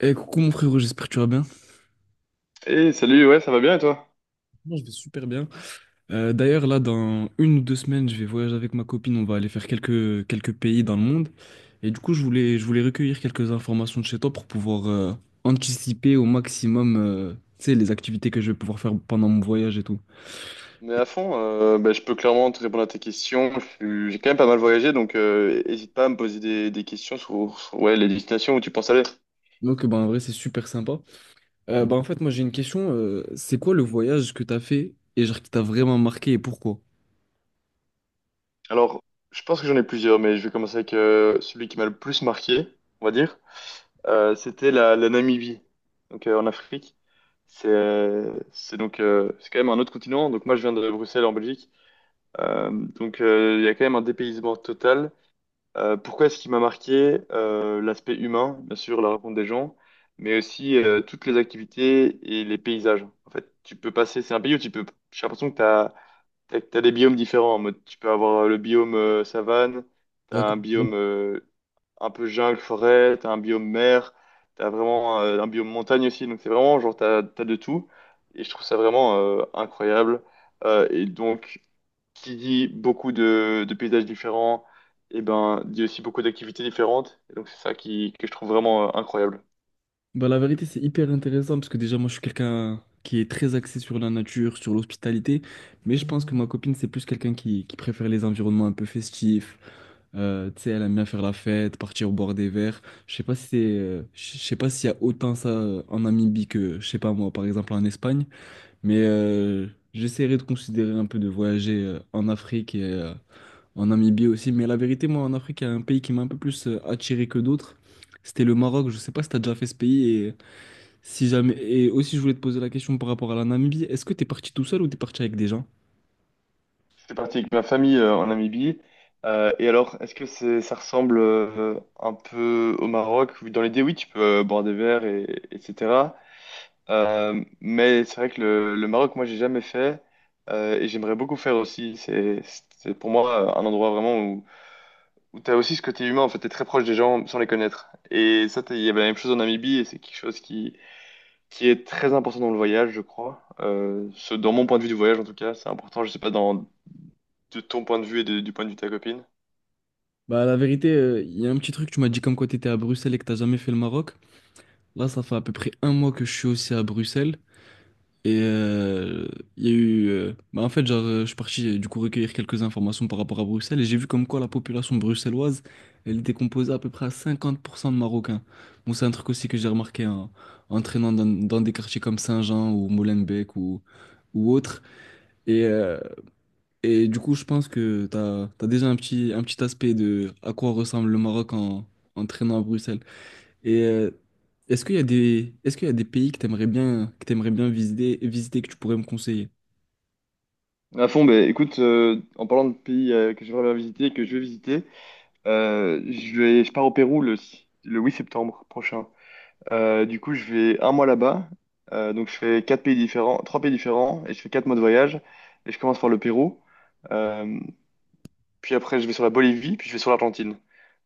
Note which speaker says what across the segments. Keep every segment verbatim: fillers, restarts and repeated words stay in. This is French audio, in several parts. Speaker 1: Eh, coucou mon frérot, j'espère que tu vas bien.
Speaker 2: Hey, salut, ouais, ça va bien et toi?
Speaker 1: Moi, je vais super bien. Euh, d'ailleurs, là, dans une ou deux semaines, je vais voyager avec ma copine. On va aller faire quelques, quelques pays dans le monde. Et du coup, je voulais, je voulais recueillir quelques informations de chez toi pour pouvoir euh, anticiper au maximum euh, tu sais, les activités que je vais pouvoir faire pendant mon voyage et tout.
Speaker 2: Mais
Speaker 1: Et
Speaker 2: à fond, euh, bah, je peux clairement te répondre à tes questions. Je suis- J'ai quand même pas mal voyagé, donc euh, hésite pas à me poser des, des questions sur, sur, ouais, les destinations où tu penses aller.
Speaker 1: Donc, bah, en vrai, c'est super sympa. Euh, bah, en fait, moi, j'ai une question. Euh, c'est quoi le voyage que t'as fait et genre qui t'a vraiment marqué et pourquoi?
Speaker 2: Alors, je pense que j'en ai plusieurs, mais je vais commencer avec euh, celui qui m'a le plus marqué, on va dire. Euh, c'était la, la Namibie, donc euh, en Afrique. C'est euh, c'est donc euh, c'est quand même un autre continent. Donc moi, je viens de Bruxelles en Belgique. Euh, donc euh, il y a quand même un dépaysement total. Euh, pourquoi est-ce qu'il m'a marqué? Euh, l'aspect humain, bien sûr, la rencontre des gens, mais aussi euh, toutes les activités et les paysages. En fait, tu peux passer, c'est un pays où tu peux, j'ai l'impression que tu as, t'as, t'as- t'as des biomes différents. En mode, tu peux avoir euh, le biome euh, savane, tu as un
Speaker 1: Raconte.
Speaker 2: biome euh, un peu jungle, forêt, tu as un biome mer, tu as vraiment euh, un biome montagne aussi. Donc, c'est vraiment genre, tu as, de tout. Et je trouve ça vraiment euh, incroyable. Euh, et donc, qui dit beaucoup de, de paysages différents, et ben dit aussi beaucoup d'activités différentes. Et donc c'est ça qui, que je trouve vraiment euh, incroyable.
Speaker 1: Bah, la vérité, c'est hyper intéressant parce que déjà, moi, je suis quelqu'un qui est très axé sur la nature, sur l'hospitalité, mais je pense que ma copine, c'est plus quelqu'un qui, qui préfère les environnements un peu festifs. Euh, tu sais, elle aime bien faire la fête, partir au bord des verres. Je sais pas si c'est, euh, je sais pas s'il y a autant ça euh, en Namibie que, je sais pas moi, par exemple en Espagne, mais euh, j'essaierai de considérer un peu de voyager euh, en Afrique et euh, en Namibie aussi. Mais la vérité, moi, en Afrique, il y a un pays qui m'a un peu plus euh, attiré que d'autres. C'était le Maroc. Je sais pas si t'as déjà fait ce pays si jamais. Et aussi, je voulais te poser la question par rapport à la Namibie. Est-ce que t'es parti tout seul ou t'es parti avec des gens?
Speaker 2: Je suis parti avec ma famille euh, en Namibie. Euh, et alors, est-ce que c'est, ça ressemble euh, un peu au Maroc? Dans l'idée, oui, tu peux euh, boire des verres, et, etc. Euh, mais c'est vrai que le, le Maroc, moi, j'ai jamais fait, euh, et j'aimerais beaucoup faire aussi. C'est, c'est pour moi euh, un endroit vraiment où t'as aussi ce côté humain. En fait, t'es très proche des gens sans les connaître. Et ça, t'as- il y avait la même chose en Namibie, et c'est quelque chose qui, qui est très important dans le voyage, je crois. Euh, ce, dans mon point de vue du voyage, en tout cas, c'est important, je sais pas, dans, de ton point de vue et de- du point de vue de ta copine.
Speaker 1: Bah, la vérité, euh, il y a un petit truc. Tu m'as dit comme quoi t'étais à Bruxelles et que t'as jamais fait le Maroc. Là, ça fait à peu près un mois que je suis aussi à Bruxelles. Et euh, il y a eu. euh, Bah, en fait, genre, euh, je suis parti euh, du coup recueillir quelques informations par rapport à Bruxelles et j'ai vu comme quoi la population bruxelloise, elle était composée à peu près à cinquante pour cent de Marocains. Bon, c'est un truc aussi que j'ai remarqué en, en traînant dans, dans des quartiers comme Saint-Jean ou Molenbeek ou, ou autres. Et. euh, Et du coup, je pense que tu as, déjà un petit, un petit aspect de à quoi ressemble le Maroc en, en traînant à Bruxelles. Et euh, est-ce qu'il y a des, est-ce qu'il y a des pays que tu aimerais bien, que tu bien visiter, visiter, que tu pourrais me conseiller?
Speaker 2: À fond, bah, écoute, euh, en parlant de pays euh, que j'aimerais bien visiter, que je vais visiter, euh, je vais, je pars au Pérou le, si- le huit septembre prochain. Euh, du coup, je vais un mois là-bas. Euh, donc, je fais quatre pays différents, trois pays différents et je fais quatre mois de voyage. Et je commence par le Pérou. Euh, Puis après, je vais sur la Bolivie, puis je vais sur l'Argentine.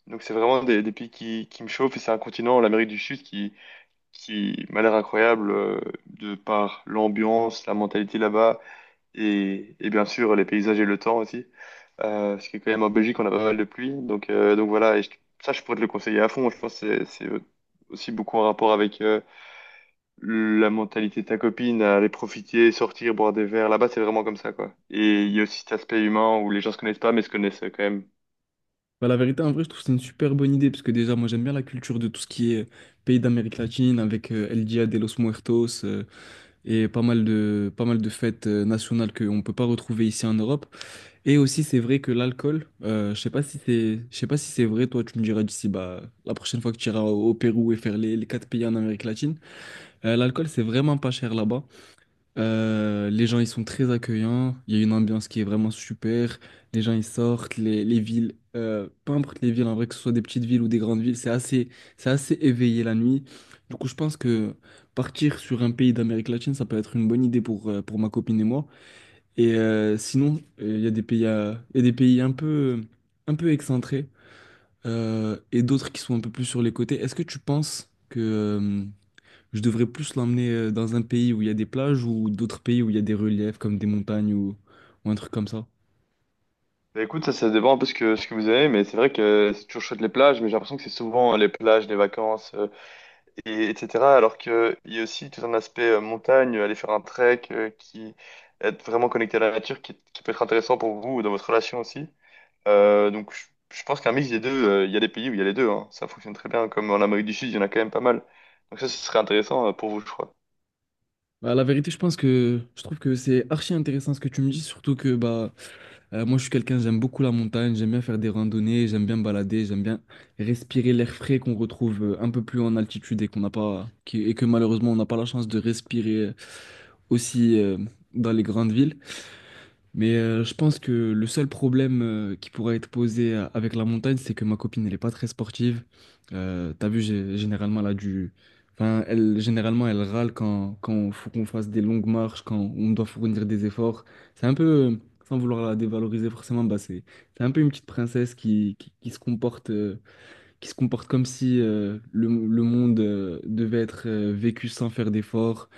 Speaker 2: Donc c'est vraiment des, des pays qui, qui me chauffent, et c'est un continent, l'Amérique du Sud, qui, qui m'a l'air incroyable, euh, de par l'ambiance, la mentalité là-bas, et, et bien sûr les paysages et le temps aussi. Euh, parce que quand même en Belgique, on a pas mal de pluie. Donc, euh, donc voilà, et je- ça, je pourrais te le conseiller à fond. Je pense que c'est c'est aussi beaucoup en rapport avec euh, la mentalité de ta copine, à aller profiter, sortir, boire des verres. Là-bas, c'est vraiment comme ça, quoi. Et il y a aussi cet aspect humain où les gens se connaissent pas, mais se connaissent quand même.
Speaker 1: Bah, la vérité, en vrai, je trouve que c'est une super bonne idée, parce que déjà, moi, j'aime bien la culture de tout ce qui est euh, pays d'Amérique latine, avec euh, El Dia de los Muertos, euh, et pas mal de, pas mal de fêtes euh, nationales qu'on ne peut pas retrouver ici en Europe. Et aussi, c'est vrai que l'alcool, euh, je sais pas si c'est, je sais pas si c'est vrai, toi, tu me diras d'ici, bah, la prochaine fois que tu iras au, au Pérou et faire les, les quatre pays en Amérique latine, euh, l'alcool, c'est vraiment pas cher là-bas. Euh, les gens, ils sont très accueillants, il y a une ambiance qui est vraiment super, les gens, ils sortent, les, les villes, euh, peu importe les villes, en vrai, que ce soit des petites villes ou des grandes villes, c'est assez, c'est assez éveillé la nuit. Du coup, je pense que partir sur un pays d'Amérique latine, ça peut être une bonne idée pour, euh, pour ma copine et moi. Et euh, sinon, euh, il y a des pays, à- il y a des pays un peu, un peu excentrés euh, et d'autres qui sont un peu plus sur les côtés. Est-ce que tu penses que euh, je devrais plus l'emmener euh, dans un pays où il y a des plages ou d'autres pays où il y a des reliefs comme des montagnes ou, ou un truc comme ça?
Speaker 2: Bah, écoute, ça, ça dépend un peu ce que, ce que vous avez, mais c'est vrai que c'est toujours chouette les plages, mais j'ai l'impression que c'est souvent euh, les plages, les vacances, euh, et, etc. Alors qu'il y a aussi tout un aspect euh, montagne, aller faire un trek, euh, qui être vraiment connecté à la nature, qui, qui peut être intéressant pour vous, ou dans votre relation aussi. Euh, donc je, je pense qu'un mix des deux, euh, il y a des pays où il y a les deux, hein. Ça fonctionne très bien, comme en Amérique du Sud, il y en a quand même pas mal. Donc ça, ce serait intéressant euh, pour vous, je crois.
Speaker 1: Bah, la vérité, je pense que je trouve que c'est archi intéressant ce que tu me dis, surtout que bah. Euh, moi, je suis quelqu'un, j'aime beaucoup la montagne, j'aime bien faire des randonnées, j'aime bien me balader, j'aime bien respirer l'air frais qu'on retrouve euh, un peu plus en altitude et qu'on n'a pas, qui- et que malheureusement on n'a pas la chance de respirer euh, aussi euh, dans les grandes villes. Mais euh, je pense que le seul problème euh, qui pourrait être posé euh, avec la montagne, c'est que ma copine, elle n'est pas très sportive. Euh, t'as vu, j'ai- généralement, elle a du... Enfin, elle, généralement, elle râle quand, quand faut qu'on fasse des longues marches, quand on doit fournir des efforts. C'est un peu, euh, sans vouloir la dévaloriser forcément, bah c'est, c'est un peu une petite princesse qui, qui, qui se comporte, euh, qui se comporte comme si euh, le, le monde euh, devait être euh, vécu sans faire d'efforts,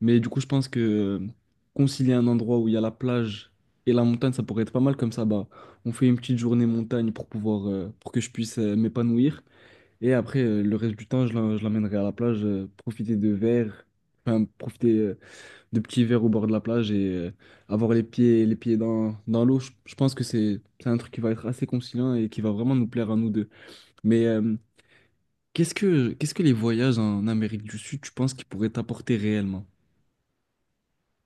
Speaker 1: mais du coup, je pense que euh, concilier un endroit où il y a la plage et la montagne, ça pourrait être pas mal comme ça. Bah, on fait une petite journée montagne pour pouvoir, euh, pour que je puisse euh, m'épanouir. Et après, euh, le reste du temps, je l'en- je l'emmènerai à la plage, euh, profiter de verres, enfin, profiter euh, de petits verres au bord de la plage et euh, avoir les pieds, les pieds dans, dans l'eau. Je, je pense que c'est c'est un truc qui va être assez conciliant et qui va vraiment nous plaire à nous deux. Mais euh, qu'est-ce que, qu'est-ce que les voyages en Amérique du Sud, tu penses qu'ils pourraient t'apporter réellement?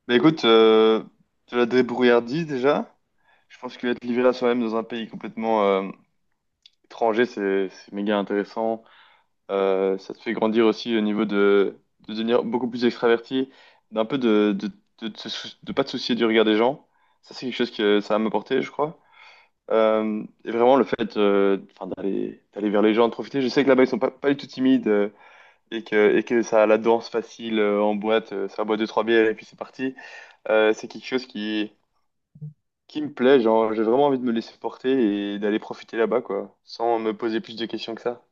Speaker 2: Mais écoute, euh, de la débrouillardise déjà, je pense que être livré à soi-même dans un pays complètement... euh, étranger, c'est c'est méga intéressant. Euh, ça te fait grandir aussi au niveau de, de devenir beaucoup plus extraverti, d'un peu de de, de, te sou- de pas te soucier du regard des gens. Ça, c'est quelque chose que ça va m'apporter, je crois. Euh, et vraiment, le fait euh, enfin, d'aller d'aller vers les gens, de profiter. Je sais que là-bas, ils sont pas, pas du tout timides, euh, et que, et que ça a la danse facile euh, en boîte. Euh, ça boit deux, trois bières et puis c'est parti. Euh, c'est quelque chose qui, qui me plaît. Genre, j'ai vraiment envie de me laisser porter et d'aller profiter là-bas, quoi, sans me poser plus de questions que ça.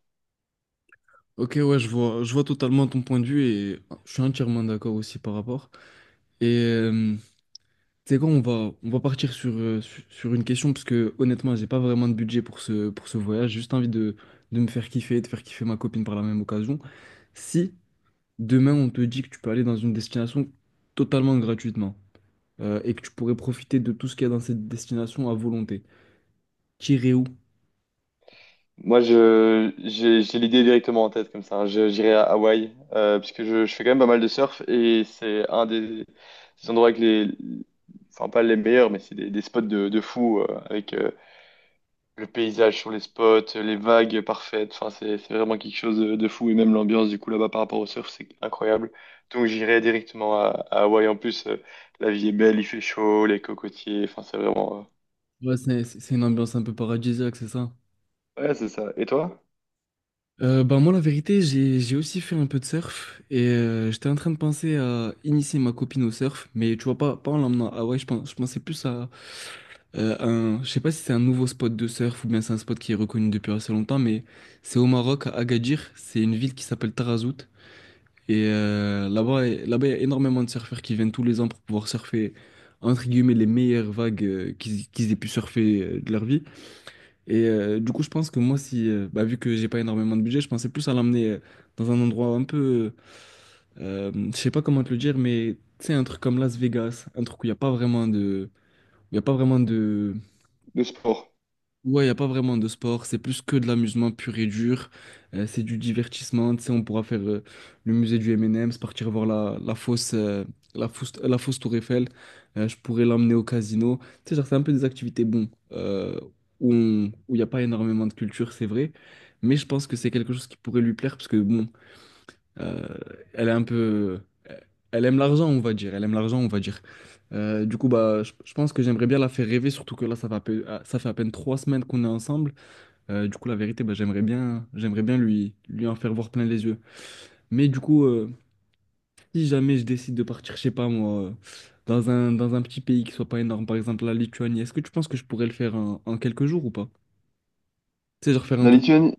Speaker 1: Ok, ouais, je vois, je vois totalement ton point de vue et je suis entièrement d'accord aussi par rapport. Et euh, c'est quoi, on va, on va partir sur, euh, su- sur une question parce que honnêtement, j'ai pas vraiment de budget pour ce, pour ce voyage. J'ai juste envie de, de me faire kiffer, de faire kiffer ma copine par la même occasion. Si demain on te dit que tu peux aller dans une destination totalement gratuitement euh, et que tu pourrais profiter de tout ce qu'il y a dans cette destination à volonté, t'irais où?
Speaker 2: Moi, je, j'ai, j'ai l'idée directement en tête comme ça. Je- J'irai à Hawaï, euh, puisque je, je fais quand même pas mal de surf, et c'est un des, des endroits avec les, enfin pas les meilleurs, mais c'est des, des spots de, de fou, euh, avec euh, le paysage sur les spots, les vagues parfaites. Enfin, c'est c'est vraiment quelque chose de, de fou, et même l'ambiance du coup là-bas par rapport au surf, c'est incroyable. Donc j'irai directement à, à Hawaï. En plus, euh, la vie est belle, il fait chaud, les cocotiers. Enfin, c'est vraiment.
Speaker 1: Ouais, c'est c'est- c'est une ambiance un peu paradisiaque, c'est ça?
Speaker 2: euh, Ouais, c'est ça. Et toi?
Speaker 1: Euh, bah moi, la vérité, j'ai, j'ai aussi fait un peu de surf et euh, j'étais en train de penser à initier ma copine au surf, mais tu vois, pas, pas en l'emmenant à Hawaï, je pense, je pensais plus à euh, un, je sais pas si c'est un nouveau spot de surf ou bien c'est un spot qui est reconnu depuis assez longtemps, mais c'est au Maroc, à Agadir, c'est une ville qui s'appelle Tarazout et euh, là-bas, là-bas, il y a énormément de surfeurs qui viennent tous les ans pour pouvoir surfer, entre guillemets, les meilleures vagues euh, qu'ils qu'ils aient pu surfer euh, de leur vie. Et euh, du coup, je pense que moi, si, euh, bah, vu que j'ai pas énormément de budget, je pensais plus à l'emmener euh, dans un endroit un peu, euh, euh, je sais pas comment te le dire, mais tu sais, un truc comme Las Vegas, un truc où il n'y a pas vraiment de, il y a pas vraiment de,
Speaker 2: Le sport.
Speaker 1: ouais, il n'y a pas vraiment de sport, c'est plus que de l'amusement pur et dur, euh, c'est du divertissement, tu sais, on pourra faire euh, le musée du M et M's, partir voir la, la fosse, euh, la fosse, la fosse Tour Eiffel, euh, je pourrais l'emmener au casino, tu sais, genre c'est un peu des activités, bon, euh, où on- où il n'y a pas énormément de culture, c'est vrai, mais je pense que c'est quelque chose qui pourrait lui plaire, parce que bon, euh, elle est un peu, euh, elle aime l'argent, on va dire. Elle aime l'argent, on va dire. Euh, du coup, bah, je, je pense que j'aimerais bien la faire rêver, surtout que là, ça va, à peu- ah, ça fait à peine trois semaines qu'on est ensemble. Euh, du coup, la vérité, bah, j'aimerais bien, j'aimerais bien lui, lui en faire voir plein les yeux. Mais du coup, euh, si jamais je décide de partir, je sais pas moi, euh, dans un, dans un petit pays qui soit pas énorme, par exemple la Lituanie, est-ce que tu penses que je pourrais le faire en, en quelques jours ou pas? Tu sais, genre faire un
Speaker 2: La
Speaker 1: tour,
Speaker 2: Lituanie.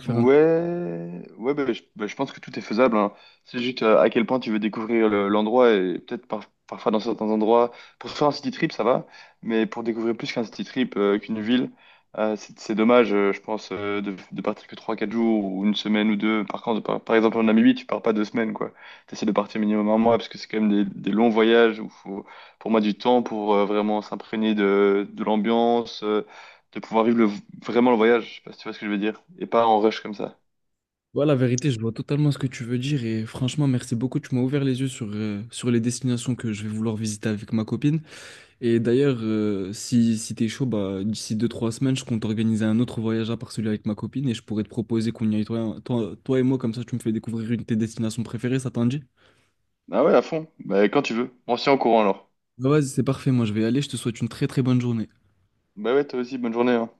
Speaker 1: faire un.
Speaker 2: Ouais, ouais bah, je, bah, je pense que tout est faisable, hein. C'est juste euh, à quel point tu veux découvrir le- l'endroit, et peut-être par- parfois dans certains endroits, pour faire un city trip, ça va, mais pour découvrir plus qu'un city trip, euh, qu'une ville, euh, c'est c'est dommage, euh, je pense, euh, de, de partir que trois quatre jours ou une semaine ou deux. Par contre, par, par exemple, en Namibie, tu pars pas deux semaines, quoi. Tu essaies de partir minimum un mois parce que c'est quand même des, des longs voyages où faut, pour moi, du temps pour euh, vraiment s'imprégner de, de l'ambiance, euh, de pouvoir vivre le- vraiment le voyage, je sais pas si tu vois ce que je veux dire, et pas en rush comme ça.
Speaker 1: Ouais, la vérité, je vois totalement ce que tu veux dire et franchement, merci beaucoup. Tu m'as ouvert les yeux sur, euh, sur les destinations que je vais vouloir visiter avec ma copine. Et d'ailleurs, euh, si, si t'es chaud, bah, d'ici deux trois semaines, je compte organiser un autre voyage à part celui avec ma copine et je pourrais te proposer qu'on y aille toi, toi, toi et moi, comme ça tu me fais découvrir une de tes destinations préférées, ça t'en dit?
Speaker 2: Ah ouais, à fond, bah quand tu veux. On se tient au courant alors.
Speaker 1: Bah, vas-y, c'est parfait, moi je vais y aller, je te souhaite une très très bonne journée.
Speaker 2: Bah ouais, toi aussi, bonne journée, hein.